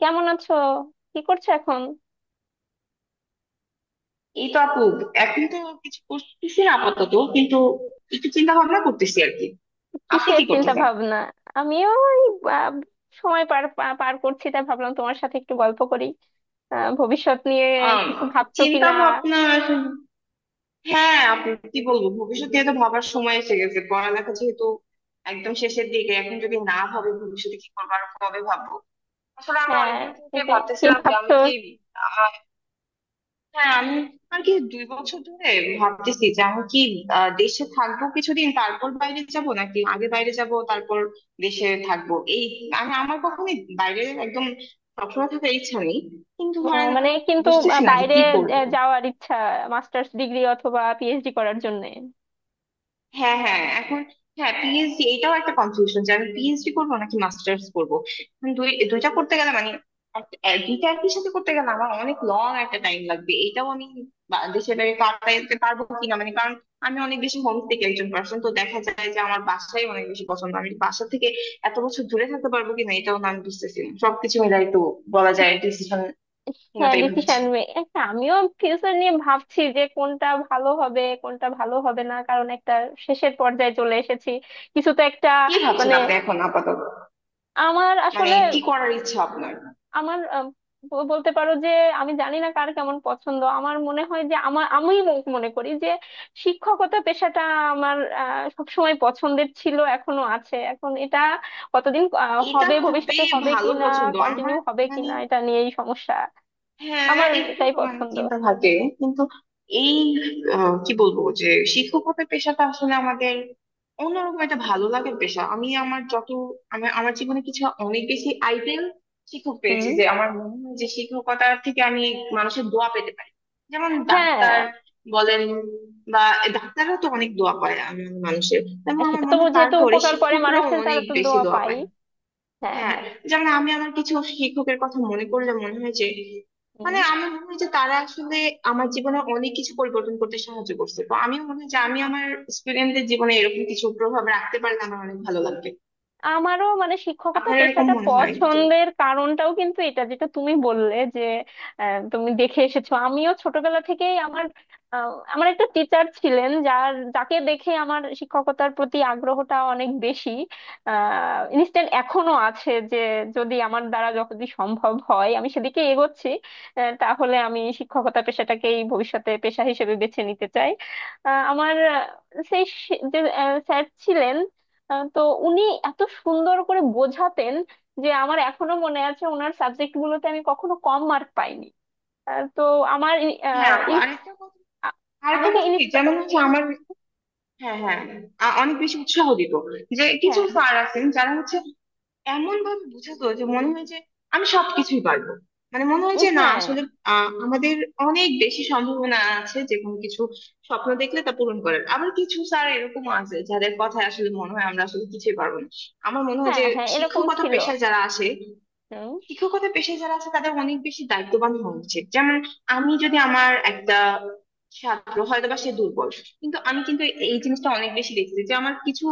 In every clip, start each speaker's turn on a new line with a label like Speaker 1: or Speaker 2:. Speaker 1: কেমন আছো? কি করছো এখন?
Speaker 2: এই তো আপু, এখন তো কিছু করতেছি না আপাতত, কিন্তু একটু চিন্তা ভাবনা করতেছি আর কি। আপনি
Speaker 1: কিসের
Speaker 2: কি
Speaker 1: চিন্তা
Speaker 2: করতেছেন?
Speaker 1: ভাবনা? আমিও ওই, আহ, সময় পার করছি, তাই ভাবলাম তোমার সাথে একটু গল্প করি। ভবিষ্যৎ নিয়ে
Speaker 2: আম,
Speaker 1: কিছু ভাবছো
Speaker 2: চিন্তা
Speaker 1: কিনা?
Speaker 2: ভাবনা হ্যাঁ আপু, কি বলবো? ভবিষ্যৎ নিয়ে তো ভাবার সময় এসে গেছে, পড়ালেখা যেহেতু একদম শেষের দিকে। এখন যদি না ভাবে ভবিষ্যতে কি করবো আর কবে ভাববো। আসলে আমি
Speaker 1: হ্যাঁ,
Speaker 2: অনেকদিন থেকে
Speaker 1: সেটাই কি
Speaker 2: ভাবতেছিলাম যে আমি
Speaker 1: ভাবছো?
Speaker 2: কি, হ্যাঁ আমি আর কি দুই বছর ধরে ভাবতেছি যে আমি কি, দেশে থাকবো কিছুদিন তারপর বাইরে যাব, নাকি আগে বাইরে যাব তারপর দেশে থাকবো। এই আমার কখনোই বাইরে একদম সবসময় থাকার ইচ্ছা নেই, কিন্তু
Speaker 1: ও,
Speaker 2: ধরেন
Speaker 1: মানে কিন্তু।
Speaker 2: বুঝতেছি না যে
Speaker 1: বাইরে
Speaker 2: কি করব।
Speaker 1: যাওয়ার ইচ্ছা? মাস্টার্স ডিগ্রি অথবা পিএইচডি করার জন্য?
Speaker 2: হ্যাঁ হ্যাঁ এখন, হ্যাঁ পিএইচডি, এটাও একটা কনফিউশন যে আমি পিএইচডি করবো নাকি মাস্টার্স করবো। এখন দুই দুইটা করতে গেলে মানে দুইটা একই সাথে করতে গেলে আমার অনেক লং একটা টাইম লাগবে। এটাও আমি দেশের বাইরে কাটাইতে পারবো কিনা, মানে কারণ আমি অনেক বেশি হোম থেকে একজন পার্সন, তো দেখা যায় যে আমার বাসাই অনেক বেশি পছন্দ। আমি বাসা থেকে এত বছর দূরে থাকতে পারবো কিনা, এটাও না আমি বুঝতেছি না। সবকিছু মিলাই তো বলা যায় ডিসিশন
Speaker 1: হ্যাঁ,
Speaker 2: হীনতাই ভুগছি।
Speaker 1: ডিসিশন একটা। আমিও ফিউচার নিয়ে ভাবছি যে কোনটা ভালো হবে, কোনটা ভালো হবে না। কারণ একটা শেষের পর্যায়ে চলে এসেছি, কিছু তো একটা।
Speaker 2: কি ভাবছেন
Speaker 1: মানে
Speaker 2: আপনি এখন আপাতত?
Speaker 1: আমার
Speaker 2: মানে
Speaker 1: আসলে
Speaker 2: কি করার ইচ্ছা আপনার?
Speaker 1: আমার, বলতে পারো যে আমি জানি না কার কেমন পছন্দ। আমার মনে হয় যে আমার, আমি মনে করি যে শিক্ষকতা পেশাটা আমার সব সময় পছন্দের ছিল, এখনো আছে। এখন এটা কতদিন
Speaker 2: এটা
Speaker 1: হবে,
Speaker 2: খুবই
Speaker 1: ভবিষ্যতে হবে
Speaker 2: ভালো
Speaker 1: কিনা,
Speaker 2: পছন্দ
Speaker 1: কন্টিনিউ
Speaker 2: আমার,
Speaker 1: হবে
Speaker 2: মানে
Speaker 1: কিনা, এটা নিয়েই সমস্যা।
Speaker 2: হ্যাঁ
Speaker 1: আমার
Speaker 2: একটু
Speaker 1: এটাই
Speaker 2: মানে
Speaker 1: পছন্দ।
Speaker 2: চিন্তা থাকে কিন্তু। এই কি বলবো যে শিক্ষকতার পেশাটা আসলে আমাদের অন্যরকম একটা ভালো লাগার পেশা। আমি আমার যত আমার আমার জীবনে কিছু অনেক বেশি আইডেল শিক্ষক পেয়েছি
Speaker 1: হুম।
Speaker 2: যে আমার মনে হয় যে শিক্ষকতার থেকে আমি মানুষের দোয়া পেতে পারি। যেমন ডাক্তার
Speaker 1: হ্যাঁ।
Speaker 2: বলেন, বা ডাক্তাররা তো অনেক দোয়া পায় মানুষের, তেমন আমার
Speaker 1: সেটা তো,
Speaker 2: মনে হয়
Speaker 1: যেহেতু
Speaker 2: তারপরে
Speaker 1: উপকার করে
Speaker 2: শিক্ষকরাও
Speaker 1: মানুষের, তারা
Speaker 2: অনেক
Speaker 1: তো
Speaker 2: বেশি
Speaker 1: দোয়া
Speaker 2: দোয়া
Speaker 1: পাই।
Speaker 2: পায়।
Speaker 1: হ্যাঁ,
Speaker 2: হ্যাঁ
Speaker 1: হ্যাঁ।
Speaker 2: যেমন আমি আমার কিছু শিক্ষকের কথা মনে করলে মনে হয় যে
Speaker 1: হুম।
Speaker 2: মানে আমি মনে হয় যে তারা আসলে আমার জীবনে অনেক কিছু পরিবর্তন করতে সাহায্য করছে। তো আমি মনে হয় যে আমি আমার স্টুডেন্টদের জীবনে এরকম কিছু প্রভাব রাখতে পারলে আমার অনেক ভালো লাগবে।
Speaker 1: আমারও মানে শিক্ষকতা
Speaker 2: আপনার এরকম
Speaker 1: পেশাটা
Speaker 2: মনে হয় তো?
Speaker 1: পছন্দের কারণটাও কিন্তু এটা, যেটা তুমি বললে যে তুমি দেখে এসেছো। আমিও ছোটবেলা থেকেই আমার, আমার একটা টিচার ছিলেন, যাকে দেখে আমার শিক্ষকতার প্রতি আগ্রহটা অনেক বেশি ইনস্ট্যান্ট এখনো আছে, যে যদি আমার দ্বারা যদি সম্ভব হয় আমি সেদিকে এগোচ্ছি। তাহলে আমি শিক্ষকতা পেশাটাকেই ভবিষ্যতে পেশা হিসেবে বেছে নিতে চাই। আমার, সেই যে স্যার ছিলেন, তো উনি এত সুন্দর করে বোঝাতেন যে আমার এখনো মনে আছে। ওনার সাবজেক্ট গুলোতে আমি কখনো কম মার্ক পাইনি। তো আমার
Speaker 2: হ্যাঁ আপু আরেকটা কথা,
Speaker 1: আ-
Speaker 2: আরেকটা
Speaker 1: আমাকে
Speaker 2: কথা কি, যেমন
Speaker 1: ইন্সপায়ার।
Speaker 2: হচ্ছে আমার, হ্যাঁ হ্যাঁ অনেক বেশি উৎসাহ দিত যে কিছু
Speaker 1: হ্যাঁ, হ্যাঁ।
Speaker 2: স্যার আছেন যারা হচ্ছে এমন ভাবে বোঝাতো যে মনে হয় যে আমি সবকিছুই পারবো। মানে মনে হয়
Speaker 1: উম,
Speaker 2: যে না,
Speaker 1: হ্যাঁ,
Speaker 2: আসলে আমাদের অনেক বেশি সম্ভাবনা আছে যে কোনো কিছু স্বপ্ন দেখলে তা পূরণ করার। আবার কিছু স্যার এরকম আছে যাদের কথা আসলে মনে হয় আমরা আসলে কিছুই পারবো না। আমার মনে হয়
Speaker 1: হ্যাঁ।
Speaker 2: যে
Speaker 1: হ্যাঁ, এরকম
Speaker 2: শিক্ষকতা
Speaker 1: ছিল।
Speaker 2: পেশায় যারা আসে,
Speaker 1: হুম।
Speaker 2: শিক্ষকতা পেশায় যারা আছে তাদের অনেক বেশি দায়িত্ববান হওয়া উচিত। যেমন আমি যদি আমার একটা ছাত্র হয়তো বা সে দুর্বল কিন্তু আমি, কিন্তু এই জিনিসটা অনেক বেশি দেখছি যে আমার কিছু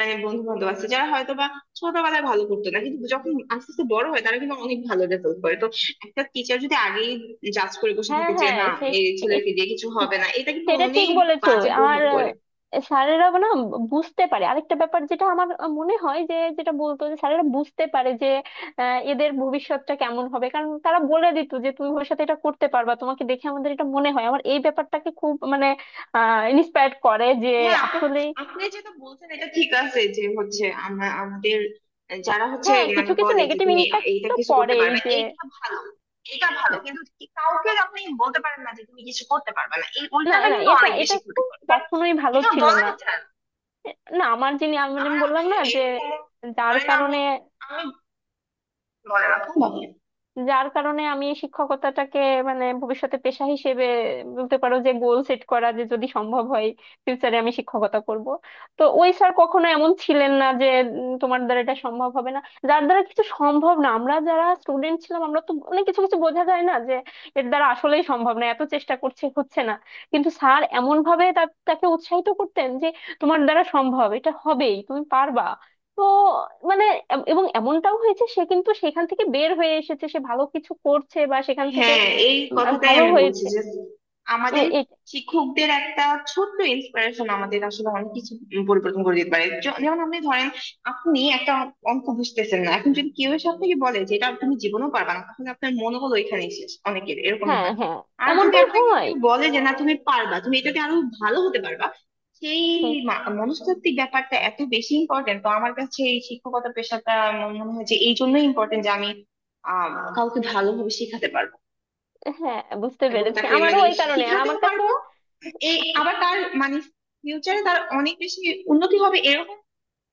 Speaker 2: মানে বন্ধু বান্ধব আছে যারা হয়তো বা ছোটবেলায় ভালো করতো না কিন্তু যখন আস্তে আস্তে বড় হয় তারা কিন্তু অনেক ভালো রেজাল্ট করে। তো একটা টিচার যদি আগেই জাজ করে বসে
Speaker 1: হ্যাঁ,
Speaker 2: থাকে যে
Speaker 1: হ্যাঁ।
Speaker 2: না এই ছেলেকে দিয়ে কিছু
Speaker 1: সেই
Speaker 2: হবে না, এটা কিন্তু
Speaker 1: সেটা ঠিক
Speaker 2: অনেক
Speaker 1: বলেছো।
Speaker 2: বাজে
Speaker 1: আর
Speaker 2: প্রভাব পড়ে।
Speaker 1: স্যারেরা না বুঝতে পারে। আরেকটা ব্যাপার যেটা আমার মনে হয় যে, যেটা বলতো যে স্যারেরা বুঝতে পারে যে এদের ভবিষ্যৎটা কেমন হবে। কারণ তারা বলে দিত যে তুমি ভবিষ্যতে এটা করতে পারবা, তোমাকে দেখে আমাদের এটা মনে হয়। আমার এই ব্যাপারটাকে খুব মানে ইন্সপায়ার করে যে
Speaker 2: হ্যাঁ
Speaker 1: আসলে।
Speaker 2: আপনি যেটা বলছেন এটা ঠিক আছে যে হচ্ছে আমরা আমাদের যারা হচ্ছে
Speaker 1: হ্যাঁ, কিছু
Speaker 2: মানে
Speaker 1: কিছু
Speaker 2: বলে যে
Speaker 1: নেগেটিভ
Speaker 2: তুমি
Speaker 1: ইম্প্যাক্ট
Speaker 2: এইটা
Speaker 1: তো
Speaker 2: কিছু করতে
Speaker 1: পড়েই
Speaker 2: পারবে,
Speaker 1: যে।
Speaker 2: এইটা ভালো এটা ভালো,
Speaker 1: হ্যাঁ,
Speaker 2: কিন্তু কাউকে আপনি বলতে পারেন না যে তুমি কিছু করতে পারবে না। এই
Speaker 1: না,
Speaker 2: উল্টাটা
Speaker 1: না,
Speaker 2: কিন্তু
Speaker 1: এটা,
Speaker 2: অনেক বেশি ক্ষতি
Speaker 1: খুব
Speaker 2: করে কারণ
Speaker 1: কখনোই ভালো
Speaker 2: এটা
Speaker 1: ছিল না।
Speaker 2: বলাই যায় না।
Speaker 1: না, আমার যিনি, আমি মানে
Speaker 2: আমার
Speaker 1: বললাম না
Speaker 2: এ-
Speaker 1: যে
Speaker 2: এরকম
Speaker 1: যার
Speaker 2: ধরেন, আমি
Speaker 1: কারণে,
Speaker 2: আমি বলেন আপু, বলেন।
Speaker 1: আমি শিক্ষকতাটাকে মানে ভবিষ্যতে পেশা হিসেবে বলতে পারো যে গোল সেট করা, যে যদি সম্ভব হয় ফিউচারে আমি শিক্ষকতা করব। তো ওই স্যার কখনো এমন ছিলেন না যে, তোমার দ্বারা এটা সম্ভব হবে না, যার দ্বারা কিছু সম্ভব না। আমরা যারা স্টুডেন্ট ছিলাম, আমরা তো অনেক কিছু কিছু বোঝা যায় না যে এর দ্বারা আসলেই সম্ভব না, এত চেষ্টা করছে হচ্ছে না। কিন্তু স্যার এমন ভাবে তাকে উৎসাহিত করতেন যে তোমার দ্বারা সম্ভব, এটা হবেই, তুমি পারবা। তো মানে এবং এমনটাও হয়েছে, সে কিন্তু সেখান থেকে বের হয়ে এসেছে, সে ভালো কিছু করছে বা সেখান থেকে
Speaker 2: হ্যাঁ এই কথাটাই
Speaker 1: ভালো
Speaker 2: আমি বলছি
Speaker 1: হয়েছে।
Speaker 2: যে আমাদের
Speaker 1: এ- এ-
Speaker 2: শিক্ষকদের একটা ছোট্ট ইন্সপিরেশন আমাদের আসলে অনেক কিছু পরিবর্তন করে দিতে পারে। যেমন আপনি ধরেন আপনি একটা অঙ্ক বুঝতেছেন না, এখন যদি কেউ এসে আপনাকে বলে যে এটা তুমি জীবনেও পারবা না, তাহলে আপনার মনোবল ওইখানেই শেষ, অনেকের এরকমই
Speaker 1: হ্যাঁ,
Speaker 2: হয়।
Speaker 1: হ্যাঁ,
Speaker 2: আর যদি
Speaker 1: এমনটাই
Speaker 2: আপনাকে
Speaker 1: হয়।
Speaker 2: কেউ বলে যে না তুমি পারবা, তুমি এটাতে আরো ভালো হতে পারবা, সেই
Speaker 1: হুম,
Speaker 2: মনস্তাত্ত্বিক ব্যাপারটা এত বেশি ইম্পর্টেন্ট। তো আমার কাছে এই শিক্ষকতা পেশাটা মনে হয় যে এই জন্যই ইম্পর্টেন্ট যে আমি আহ কাউকে ভালোভাবে শেখাতে পারবো
Speaker 1: হ্যাঁ বুঝতে
Speaker 2: এবং
Speaker 1: পেরেছি,
Speaker 2: তাকে
Speaker 1: আমারও
Speaker 2: মানে
Speaker 1: ওই কারণে। আর
Speaker 2: শিখাতেও
Speaker 1: আমার কাছে,
Speaker 2: পারবো। এই আবার তার মানে ফিউচারে তার অনেক বেশি উন্নতি হবে, এরকম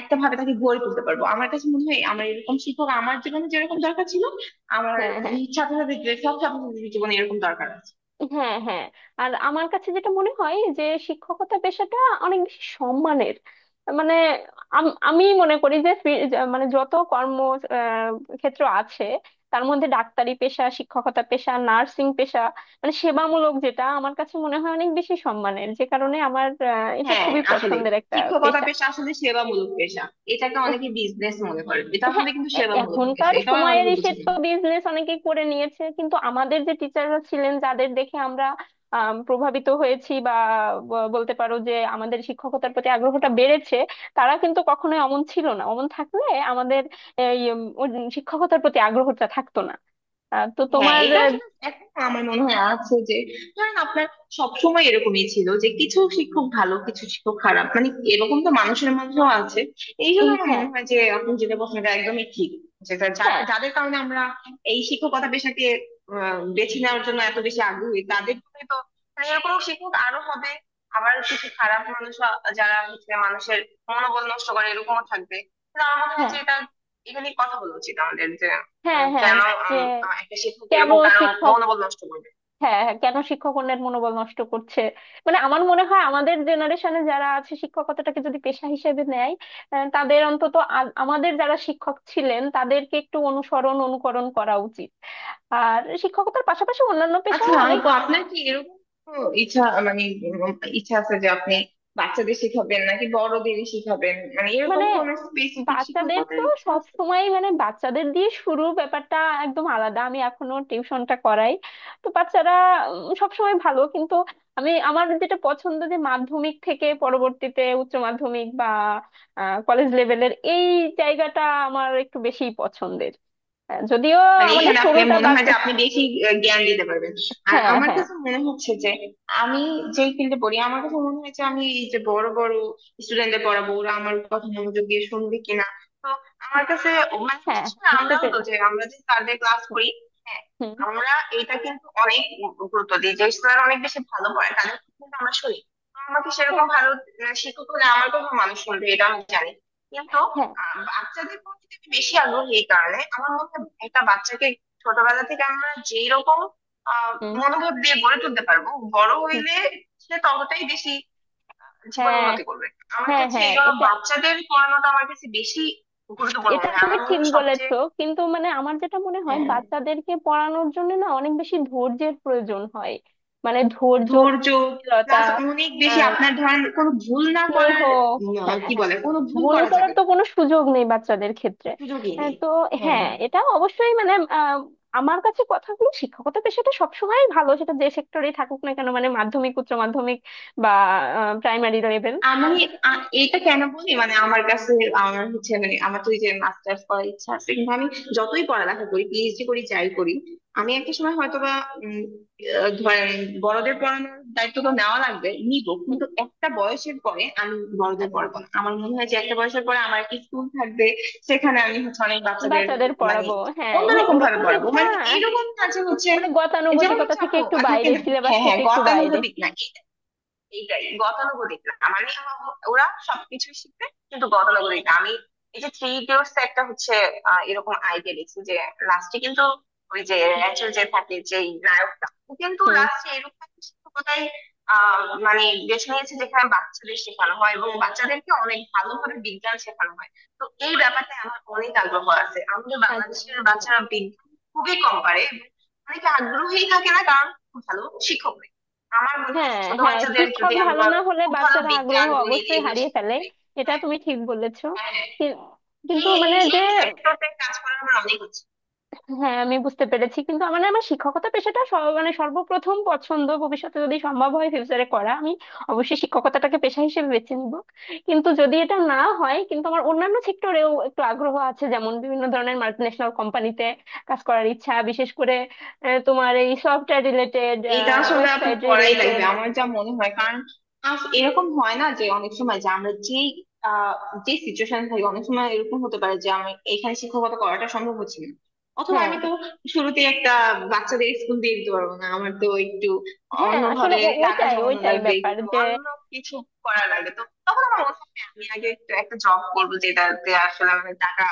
Speaker 2: একটা ভাবে তাকে গড়ে তুলতে পারবো। আমার কাছে মনে হয় আমার এরকম শিক্ষক আমার জীবনে যেরকম দরকার ছিল, আমার
Speaker 1: হ্যাঁ, হ্যাঁ,
Speaker 2: ছাত্রছাত্রীদের, সব ছাত্রছাত্রীদের জীবনে এরকম দরকার আছে।
Speaker 1: হ্যাঁ, হ্যাঁ। আর আমার কাছে যেটা মনে হয় যে শিক্ষকতা পেশাটা অনেক বেশি সম্মানের। মানে আমি মনে করি যে মানে যত কর্ম আহ, ক্ষেত্র আছে, তার মধ্যে ডাক্তারি পেশা, শিক্ষকতা পেশা, নার্সিং পেশা, মানে সেবামূলক, যেটা আমার কাছে মনে হয় অনেক বেশি সম্মানের। যে কারণে আমার, এটা
Speaker 2: হ্যাঁ
Speaker 1: খুবই
Speaker 2: আসলে
Speaker 1: পছন্দের একটা
Speaker 2: শিক্ষকতা
Speaker 1: পেশা।
Speaker 2: পেশা আসলে সেবামূলক পেশা। এটাকে অনেকে বিজনেস মনে করে, এটা
Speaker 1: হ্যাঁ,
Speaker 2: আসলে কিন্তু সেবামূলক পেশা,
Speaker 1: এখনকার
Speaker 2: এটাও
Speaker 1: সময়ের
Speaker 2: অনেকে
Speaker 1: এসে
Speaker 2: বুঝে না।
Speaker 1: তো বিজনেস অনেকে করে নিয়েছে, কিন্তু আমাদের যে টিচাররা ছিলেন, যাদের দেখে আমরা প্রভাবিত হয়েছি বা বলতে পারো যে আমাদের শিক্ষকতার প্রতি আগ্রহটা বেড়েছে, তারা কিন্তু কখনোই অমন ছিল না। অমন থাকলে আমাদের এই উম, উম, শিক্ষকতার প্রতি আগ্রহটা থাকতো না। তো
Speaker 2: হ্যাঁ
Speaker 1: তোমার
Speaker 2: এটা আসলে এখন আমার মনে হয় আছে যে ধরেন আপনার সবসময় এরকমই ছিল যে কিছু শিক্ষক ভালো কিছু শিক্ষক খারাপ, মানে এরকম তো মানুষের মধ্যেও আছে। এই জন্য
Speaker 1: উম,
Speaker 2: আমার
Speaker 1: হ্যাঁ,
Speaker 2: মনে হয় যে আপনি যেটা বলছেন এটা একদমই ঠিক। যেটা যার
Speaker 1: হ্যাঁ,
Speaker 2: যাদের কারণে আমরা এই শিক্ষকতা পেশাকে বেছে নেওয়ার জন্য এত বেশি আগ্রহী, তাদের জন্য তো মানে এরকম শিক্ষক আরো হবে। আবার কিছু খারাপ মানুষ যারা হচ্ছে মানুষের মনোবল নষ্ট করে এরকমও থাকবে, কিন্তু আমার মনে হয়
Speaker 1: হ্যাঁ,
Speaker 2: যে এটা এখানে কথা বলা উচিত আমাদের যে
Speaker 1: হ্যাঁ, হ্যাঁ।
Speaker 2: কেন
Speaker 1: যে
Speaker 2: একটা শিক্ষক
Speaker 1: কেন
Speaker 2: এরকম কারো
Speaker 1: শিক্ষক?
Speaker 2: মনোবল নষ্ট করবে।
Speaker 1: হ্যাঁ, হ্যাঁ, কেন শিক্ষকগণের মনোবল নষ্ট করছে? মানে আমার মনে হয় আমাদের জেনারেশনে যারা আছে, শিক্ষকতাটাকে যদি পেশা হিসেবে নেয়, তাদের অন্তত আমাদের যারা শিক্ষক ছিলেন, তাদেরকে একটু অনুসরণ, অনুকরণ করা উচিত। আর শিক্ষকতার পাশাপাশি অন্যান্য
Speaker 2: আচ্ছা,
Speaker 1: পেশাও।
Speaker 2: তো আপনার কি এরকম কোনো ইচ্ছা, মানে ইচ্ছা আছে যে আপনি বাচ্চাদের শিখাবেন নাকি বড়দের শিখাবেন, মানে এরকম
Speaker 1: মানে
Speaker 2: কোন স্পেসিফিক
Speaker 1: বাচ্চাদের তো
Speaker 2: শিক্ষকতার ইচ্ছা
Speaker 1: সব
Speaker 2: আছে?
Speaker 1: সময়, মানে বাচ্চাদের দিয়ে শুরু, ব্যাপারটা একদম আলাদা। আমি এখনো টিউশনটা করাই, তো বাচ্চারা সব সময় ভালো। কিন্তু আমি, আমার যেটা পছন্দ যে মাধ্যমিক থেকে পরবর্তীতে উচ্চ মাধ্যমিক বা কলেজ লেভেলের এই জায়গাটা আমার একটু বেশি পছন্দের। যদিও
Speaker 2: মানে
Speaker 1: আমাদের
Speaker 2: এখানে আপনি
Speaker 1: শুরুটা
Speaker 2: মনে
Speaker 1: বাদ।
Speaker 2: হয় যে আপনি বেশি জ্ঞান দিতে পারবেন। আর
Speaker 1: হ্যাঁ,
Speaker 2: আমার
Speaker 1: হ্যাঁ,
Speaker 2: কাছে মনে হচ্ছে যে আমি যে ফিল্ডে পড়ি আমার কাছে মনে হয় যে আমি এই যে বড় বড় স্টুডেন্টদের পড়াবো ওরা আমার কথা মনোযোগ দিয়ে শুনবে কিনা। তো আমার কাছে মানে
Speaker 1: হ্যাঁ,
Speaker 2: বিশেষ করে
Speaker 1: বুঝতে
Speaker 2: আমরাও তো,
Speaker 1: পেরেছি।
Speaker 2: যে আমরা যে স্যারদের ক্লাস
Speaker 1: হুম,
Speaker 2: করি, হ্যাঁ
Speaker 1: হুম।
Speaker 2: আমরা এটা কিন্তু অনেক গুরুত্ব দিই যে স্যার অনেক বেশি ভালো পড়ে, তাদের কথা কিন্তু আমরা শুনি। তো আমাকে
Speaker 1: হ্যাঁ,
Speaker 2: সেরকম ভালো শিক্ষক হলে আমার কথা মানুষ শুনবে এটা আমি জানি। কিন্তু
Speaker 1: হ্যাঁ।
Speaker 2: বাচ্চাদের প্রতি আমি বেশি আগ্রহী, এই কারণে আমার মনে হয় একটা বাচ্চাকে ছোটবেলা থেকে আমরা যেই রকম আহ
Speaker 1: হুম,
Speaker 2: মনোভাব দিয়ে গড়ে তুলতে পারবো, বড়
Speaker 1: হুম।
Speaker 2: হইলে সে ততটাই বেশি জীবন
Speaker 1: হ্যাঁ,
Speaker 2: উন্নতি করবে। আমার
Speaker 1: হ্যাঁ,
Speaker 2: কাছে
Speaker 1: হ্যাঁ।
Speaker 2: এই জন্য
Speaker 1: এটা
Speaker 2: বাচ্চাদের পড়ানোটা আমার কাছে বেশি গুরুত্বপূর্ণ
Speaker 1: এটা
Speaker 2: মনে হয়,
Speaker 1: তুমি
Speaker 2: আমার মনে
Speaker 1: ঠিক
Speaker 2: হয় সবচেয়ে।
Speaker 1: বলেছো। কিন্তু মানে আমার যেটা মনে হয়
Speaker 2: হ্যাঁ
Speaker 1: বাচ্চাদেরকে পড়ানোর জন্য না অনেক বেশি ধৈর্যের প্রয়োজন হয়। মানে ধৈর্য
Speaker 2: ধৈর্য
Speaker 1: শীলতা,
Speaker 2: প্লাস অনেক বেশি
Speaker 1: আহ,
Speaker 2: আপনার ধরেন কোনো ভুল না
Speaker 1: স্নেহ।
Speaker 2: করার,
Speaker 1: হ্যাঁ,
Speaker 2: কি
Speaker 1: হ্যাঁ,
Speaker 2: বলে, কোনো ভুল
Speaker 1: ভুল
Speaker 2: করা
Speaker 1: করার
Speaker 2: যাবে
Speaker 1: তো
Speaker 2: না,
Speaker 1: কোনো সুযোগ নেই বাচ্চাদের ক্ষেত্রে।
Speaker 2: সুযোগই নেই।
Speaker 1: তো
Speaker 2: হ্যাঁ
Speaker 1: হ্যাঁ, এটা অবশ্যই মানে আহ, আমার কাছে কথাগুলো, শিক্ষকতা পেশাটা সবসময় ভালো সেটা যে সেক্টরেই থাকুক না কেন, মানে মাধ্যমিক, উচ্চ মাধ্যমিক বা প্রাইমারি লেভেল।
Speaker 2: আমি, এটা কেন বলি মানে আমার কাছে আমার হচ্ছে মানে আমার তো এই যে মাস্টার্স করার ইচ্ছা আছে, কিন্তু আমি যতই পড়ালেখা করি পিএইচডি করি যাই করি আমি
Speaker 1: হুম,
Speaker 2: একটা সময় হয়তোবা উম, ধরেন বড়দের পড়ানোর দায়িত্ব তো নেওয়া লাগবে, নিব,
Speaker 1: হুম।
Speaker 2: কিন্তু একটা বয়সের পরে আমি বড়দের
Speaker 1: আচ্ছা,
Speaker 2: পড়াবো না। আমার মনে হয় যে একটা বয়সের পরে আমার একটা স্কুল থাকবে, সেখানে আমি হচ্ছে অনেক বাচ্চাদের
Speaker 1: বাচ্চাদের
Speaker 2: মানে
Speaker 1: পড়াবো। হ্যাঁ, এমনি
Speaker 2: অন্যরকম ভাবে
Speaker 1: ওরকম
Speaker 2: পড়াবো,
Speaker 1: ইচ্ছা।
Speaker 2: মানে এইরকম কাজে হচ্ছে।
Speaker 1: মানে
Speaker 2: যেমন
Speaker 1: গতানুগতিকতা
Speaker 2: হচ্ছে
Speaker 1: থেকে
Speaker 2: আপু,
Speaker 1: একটু
Speaker 2: থাকে
Speaker 1: বাইরে,
Speaker 2: না,
Speaker 1: সিলেবাস
Speaker 2: হ্যাঁ হ্যাঁ
Speaker 1: থেকে একটু বাইরে।
Speaker 2: গতানুগতিক না, এইটাই গতানুগতিক না, মানে ওরা সবকিছুই শিখবে কিন্তু গতানুগতিক না। আমি এই যে থ্রি ইডিয়টস একটা হচ্ছে এরকম আইডিয়া দেখছি যে লাস্টে কিন্তু ওই যে র্যাচেল যে থাকে, যে নায়কটা ও কিন্তু
Speaker 1: হুম।
Speaker 2: লাস্টে এরকম একটা শিক্ষকতায় মানে বেছে নিয়েছে যেখানে বাচ্চাদের শেখানো হয় এবং বাচ্চাদেরকে অনেক ভালোভাবে বিজ্ঞান শেখানো হয়। তো এই ব্যাপারটা আমার অনেক আগ্রহ আছে। আমাদের
Speaker 1: আচ্ছা,
Speaker 2: বাংলাদেশের
Speaker 1: উম,
Speaker 2: বাচ্চারা বিজ্ঞান খুবই কম পারে এবং অনেকে আগ্রহী থাকে না কারণ ভালো শিক্ষক নেই। আমার মনে হয় যে
Speaker 1: হ্যাঁ,
Speaker 2: ছোট
Speaker 1: হ্যাঁ,
Speaker 2: বাচ্চাদের
Speaker 1: শিক্ষক
Speaker 2: যদি
Speaker 1: ভালো
Speaker 2: আমরা
Speaker 1: না হলে
Speaker 2: খুব ভালো
Speaker 1: বাচ্চারা আগ্রহ
Speaker 2: বিজ্ঞান গণিত
Speaker 1: অবশ্যই
Speaker 2: এগুলো
Speaker 1: হারিয়ে
Speaker 2: শেখাতে
Speaker 1: ফেলে।
Speaker 2: পারি,
Speaker 1: এটা
Speaker 2: হ্যাঁ
Speaker 1: তুমি ঠিক বলেছো।
Speaker 2: হ্যাঁ,
Speaker 1: কি- কিন্তু
Speaker 2: এই
Speaker 1: মানে যে
Speaker 2: এই sector টায় কাজ করার আমার অনেক ইচ্ছে।
Speaker 1: হ্যাঁ, আমি বুঝতে পেরেছি। কিন্তু আমার না, আমার শিক্ষকতা পেশাটা মানে সর্বপ্রথম পছন্দ। ভবিষ্যতে যদি সম্ভব হয়, ফিউচারে করা, আমি অবশ্যই শিক্ষকতাটাকে পেশা হিসেবে বেছে নিব। কিন্তু যদি এটা না হয়, কিন্তু আমার অন্যান্য সেক্টরেও একটু আগ্রহ আছে, যেমন বিভিন্ন ধরনের মাল্টিন্যাশনাল কোম্পানিতে কাজ করার ইচ্ছা, বিশেষ করে তোমার এই সফটওয়্যার রিলেটেড,
Speaker 2: এটা আসলে আপু
Speaker 1: ওয়েবসাইট
Speaker 2: করাই
Speaker 1: রিলেটেড।
Speaker 2: লাগবে আমার যা মনে হয় কারণ এরকম হয় না যে অনেক সময় যে আমরা যে আহ, যে সিচুয়েশন থাকি, অনেক সময় এরকম হতে পারে যে আমি এখানে শিক্ষকতা করাটা সম্ভব হচ্ছে না অথবা
Speaker 1: হ্যাঁ,
Speaker 2: আমি তো
Speaker 1: হ্যাঁ,
Speaker 2: শুরুতে একটা বাচ্চাদের স্কুল দিয়ে দিতে পারবো না। আমার তো একটু
Speaker 1: হ্যাঁ, আসলে
Speaker 2: অন্যভাবে টাকা
Speaker 1: ওইটাই
Speaker 2: জমানো
Speaker 1: ওইটাই
Speaker 2: লাগবে,
Speaker 1: ব্যাপার
Speaker 2: একটু
Speaker 1: যে
Speaker 2: অন্য কিছু করা লাগবে, তো তখন আমার মনে হয় আমি আগে একটু একটা জব করবো যেটাতে আসলে আমি টাকা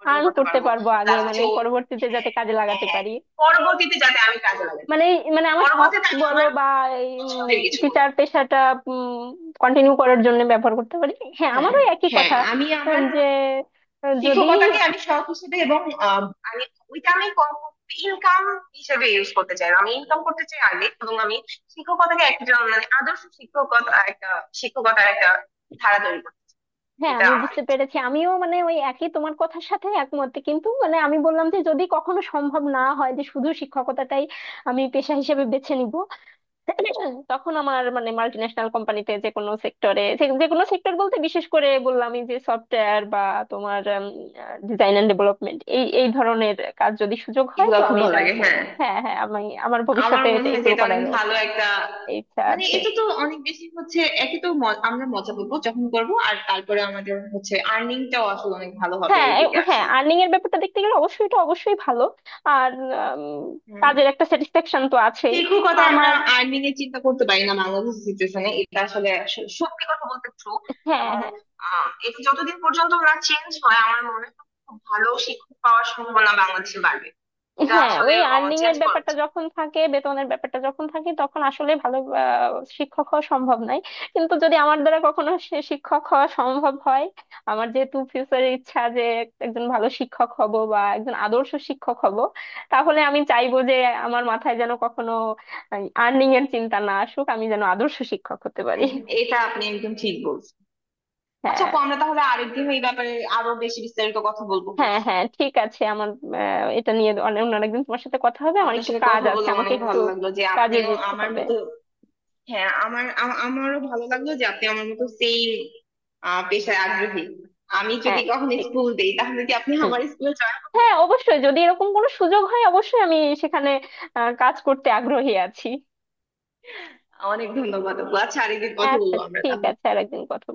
Speaker 2: অর্জন
Speaker 1: আর্ন
Speaker 2: করতে
Speaker 1: করতে
Speaker 2: পারবো।
Speaker 1: পারবো আগে,
Speaker 2: প্লাস
Speaker 1: মানে
Speaker 2: হচ্ছে,
Speaker 1: পরবর্তীতে যাতে
Speaker 2: হ্যাঁ
Speaker 1: কাজে
Speaker 2: হ্যাঁ
Speaker 1: লাগাতে
Speaker 2: হ্যাঁ
Speaker 1: পারি।
Speaker 2: পরবর্তীতে যাতে আমি কাজে লাগাতে,
Speaker 1: মানে মানে আমার শখ
Speaker 2: পরবর্তীতে আমি
Speaker 1: বলো
Speaker 2: আমার
Speaker 1: বা এই
Speaker 2: পছন্দের কিছু করবো।
Speaker 1: টিচার পেশাটা কন্টিনিউ করার জন্য ব্যবহার করতে পারি। হ্যাঁ,
Speaker 2: হ্যাঁ
Speaker 1: আমারও একই
Speaker 2: হ্যাঁ
Speaker 1: কথা।
Speaker 2: আমি আমার
Speaker 1: যে, যদি
Speaker 2: শিক্ষকতাকে আমি শখ হিসেবে এবং আহ, আমি ওইটা আমি ইনকাম হিসেবে ইউজ করতে চাই, আমি ইনকাম করতে চাই আগে এবং আমি শিক্ষকতাকে একজন মানে আদর্শ শিক্ষকতা একটা শিক্ষকতার একটা ধারা তৈরি করতে চাই।
Speaker 1: হ্যাঁ
Speaker 2: এটা
Speaker 1: আমি
Speaker 2: আমার,
Speaker 1: বুঝতে পেরেছি। আমিও মানে ওই একই, তোমার কথার সাথে একমত। কিন্তু মানে আমি বললাম যে যদি কখনো সম্ভব না হয় যে শুধু শিক্ষকতাটাই আমি পেশা হিসেবে বেছে নিব, তখন আমার মানে মাল্টি ন্যাশনাল কোম্পানিতে যে কোনো সেক্টরে, যে কোনো সেক্টর বলতে বিশেষ করে বললাম এই যে সফটওয়্যার বা তোমার ডিজাইন এন্ড ডেভেলপমেন্ট, এই এই ধরনের কাজ যদি সুযোগ হয়,
Speaker 2: এগুলো
Speaker 1: তো
Speaker 2: খুব
Speaker 1: আমি
Speaker 2: ভালো
Speaker 1: এটা
Speaker 2: লাগে হ্যাঁ।
Speaker 1: হ্যাঁ, হ্যাঁ, আমি আমার
Speaker 2: আমার
Speaker 1: ভবিষ্যতে
Speaker 2: মনে হয় যে
Speaker 1: এগুলো
Speaker 2: এটা অনেক
Speaker 1: করার
Speaker 2: ভালো একটা
Speaker 1: ইচ্ছা
Speaker 2: মানে,
Speaker 1: আছে।
Speaker 2: এটা তো অনেক বেশি হচ্ছে, একে তো আমরা মজা করবো যখন করবো আর তারপরে আমাদের হচ্ছে আর্নিংটাও আসলে অনেক ভালো হবে
Speaker 1: হ্যাঁ,
Speaker 2: এইদিকে
Speaker 1: হ্যাঁ,
Speaker 2: আসলে।
Speaker 1: আর্নিং এর ব্যাপারটা দেখতে গেলে অবশ্যই এটা অবশ্যই ভালো। আর উম,
Speaker 2: হম,
Speaker 1: কাজের একটা স্যাটিসফ্যাকশন তো আছেই।
Speaker 2: সেরকম
Speaker 1: তো
Speaker 2: কথা আমরা
Speaker 1: আমার,
Speaker 2: আর্নিং এর চিন্তা করতে পারি না বাংলাদেশের সিচুয়েশনে, এটা আসলে সত্যি কথা বলতে ট্রু।
Speaker 1: হ্যাঁ,
Speaker 2: এবং
Speaker 1: হ্যাঁ,
Speaker 2: এটা যতদিন পর্যন্ত না চেঞ্জ হয় আমার মনে হয় খুব ভালো শিক্ষক পাওয়ার সম্ভাবনা বাংলাদেশে বাড়বে, এটা
Speaker 1: হ্যাঁ,
Speaker 2: আসলে
Speaker 1: ওই আর্নিং
Speaker 2: চেঞ্জ
Speaker 1: এর
Speaker 2: করা
Speaker 1: ব্যাপারটা
Speaker 2: উচিত।
Speaker 1: যখন থাকে, বেতনের ব্যাপারটা যখন থাকে, তখন আসলে ভালো শিক্ষক হওয়া সম্ভব নয়। কিন্তু যদি আমার দ্বারা কখনো সে শিক্ষক হওয়া সম্ভব হয়, আমার যেহেতু ফিউচারের ইচ্ছা যে একজন ভালো শিক্ষক হব বা একজন আদর্শ শিক্ষক হব, তাহলে আমি চাইবো যে আমার মাথায় যেন কখনো আর্নিং এর চিন্তা না আসুক, আমি যেন আদর্শ শিক্ষক হতে পারি।
Speaker 2: উহ, এটা আপনি একদম ঠিক বলছেন। আচ্ছা
Speaker 1: হ্যাঁ,
Speaker 2: আপু, আমরা তাহলে আরেকদিন এই ব্যাপারে আরো বেশি বিস্তারিত কথা বলবো।
Speaker 1: হ্যাঁ, হ্যাঁ, ঠিক আছে। আমার, এটা নিয়ে অন্য অন্য একদিন তোমার সাথে কথা হবে। আমার
Speaker 2: আপনার
Speaker 1: একটু
Speaker 2: সাথে
Speaker 1: কাজ
Speaker 2: কথা
Speaker 1: আছে,
Speaker 2: বলে
Speaker 1: আমাকে
Speaker 2: অনেক
Speaker 1: একটু
Speaker 2: ভালো লাগলো যে
Speaker 1: কাজে
Speaker 2: আপনিও
Speaker 1: যেতে
Speaker 2: আমার
Speaker 1: হবে।
Speaker 2: মতো, হ্যাঁ। আমারও ভালো লাগলো যে আপনি আমার মতো সেম পেশায় আগ্রহী। আমি যদি
Speaker 1: হ্যাঁ,
Speaker 2: কখনো
Speaker 1: ঠিক আছে।
Speaker 2: স্কুল দেই তাহলে কি আপনি
Speaker 1: হুম।
Speaker 2: আমার স্কুলে জয়েন করবেন?
Speaker 1: হ্যাঁ, অবশ্যই, যদি এরকম কোনো সুযোগ হয়, অবশ্যই আমি সেখানে কাজ করতে আগ্রহী আছি।
Speaker 2: অনেক ধন্যবাদ আপু। আচ্ছা, আরেকদিন কথা
Speaker 1: আচ্ছা,
Speaker 2: বলবো আমরা
Speaker 1: ঠিক
Speaker 2: তাহলে।
Speaker 1: আছে। আর একদিন কথা।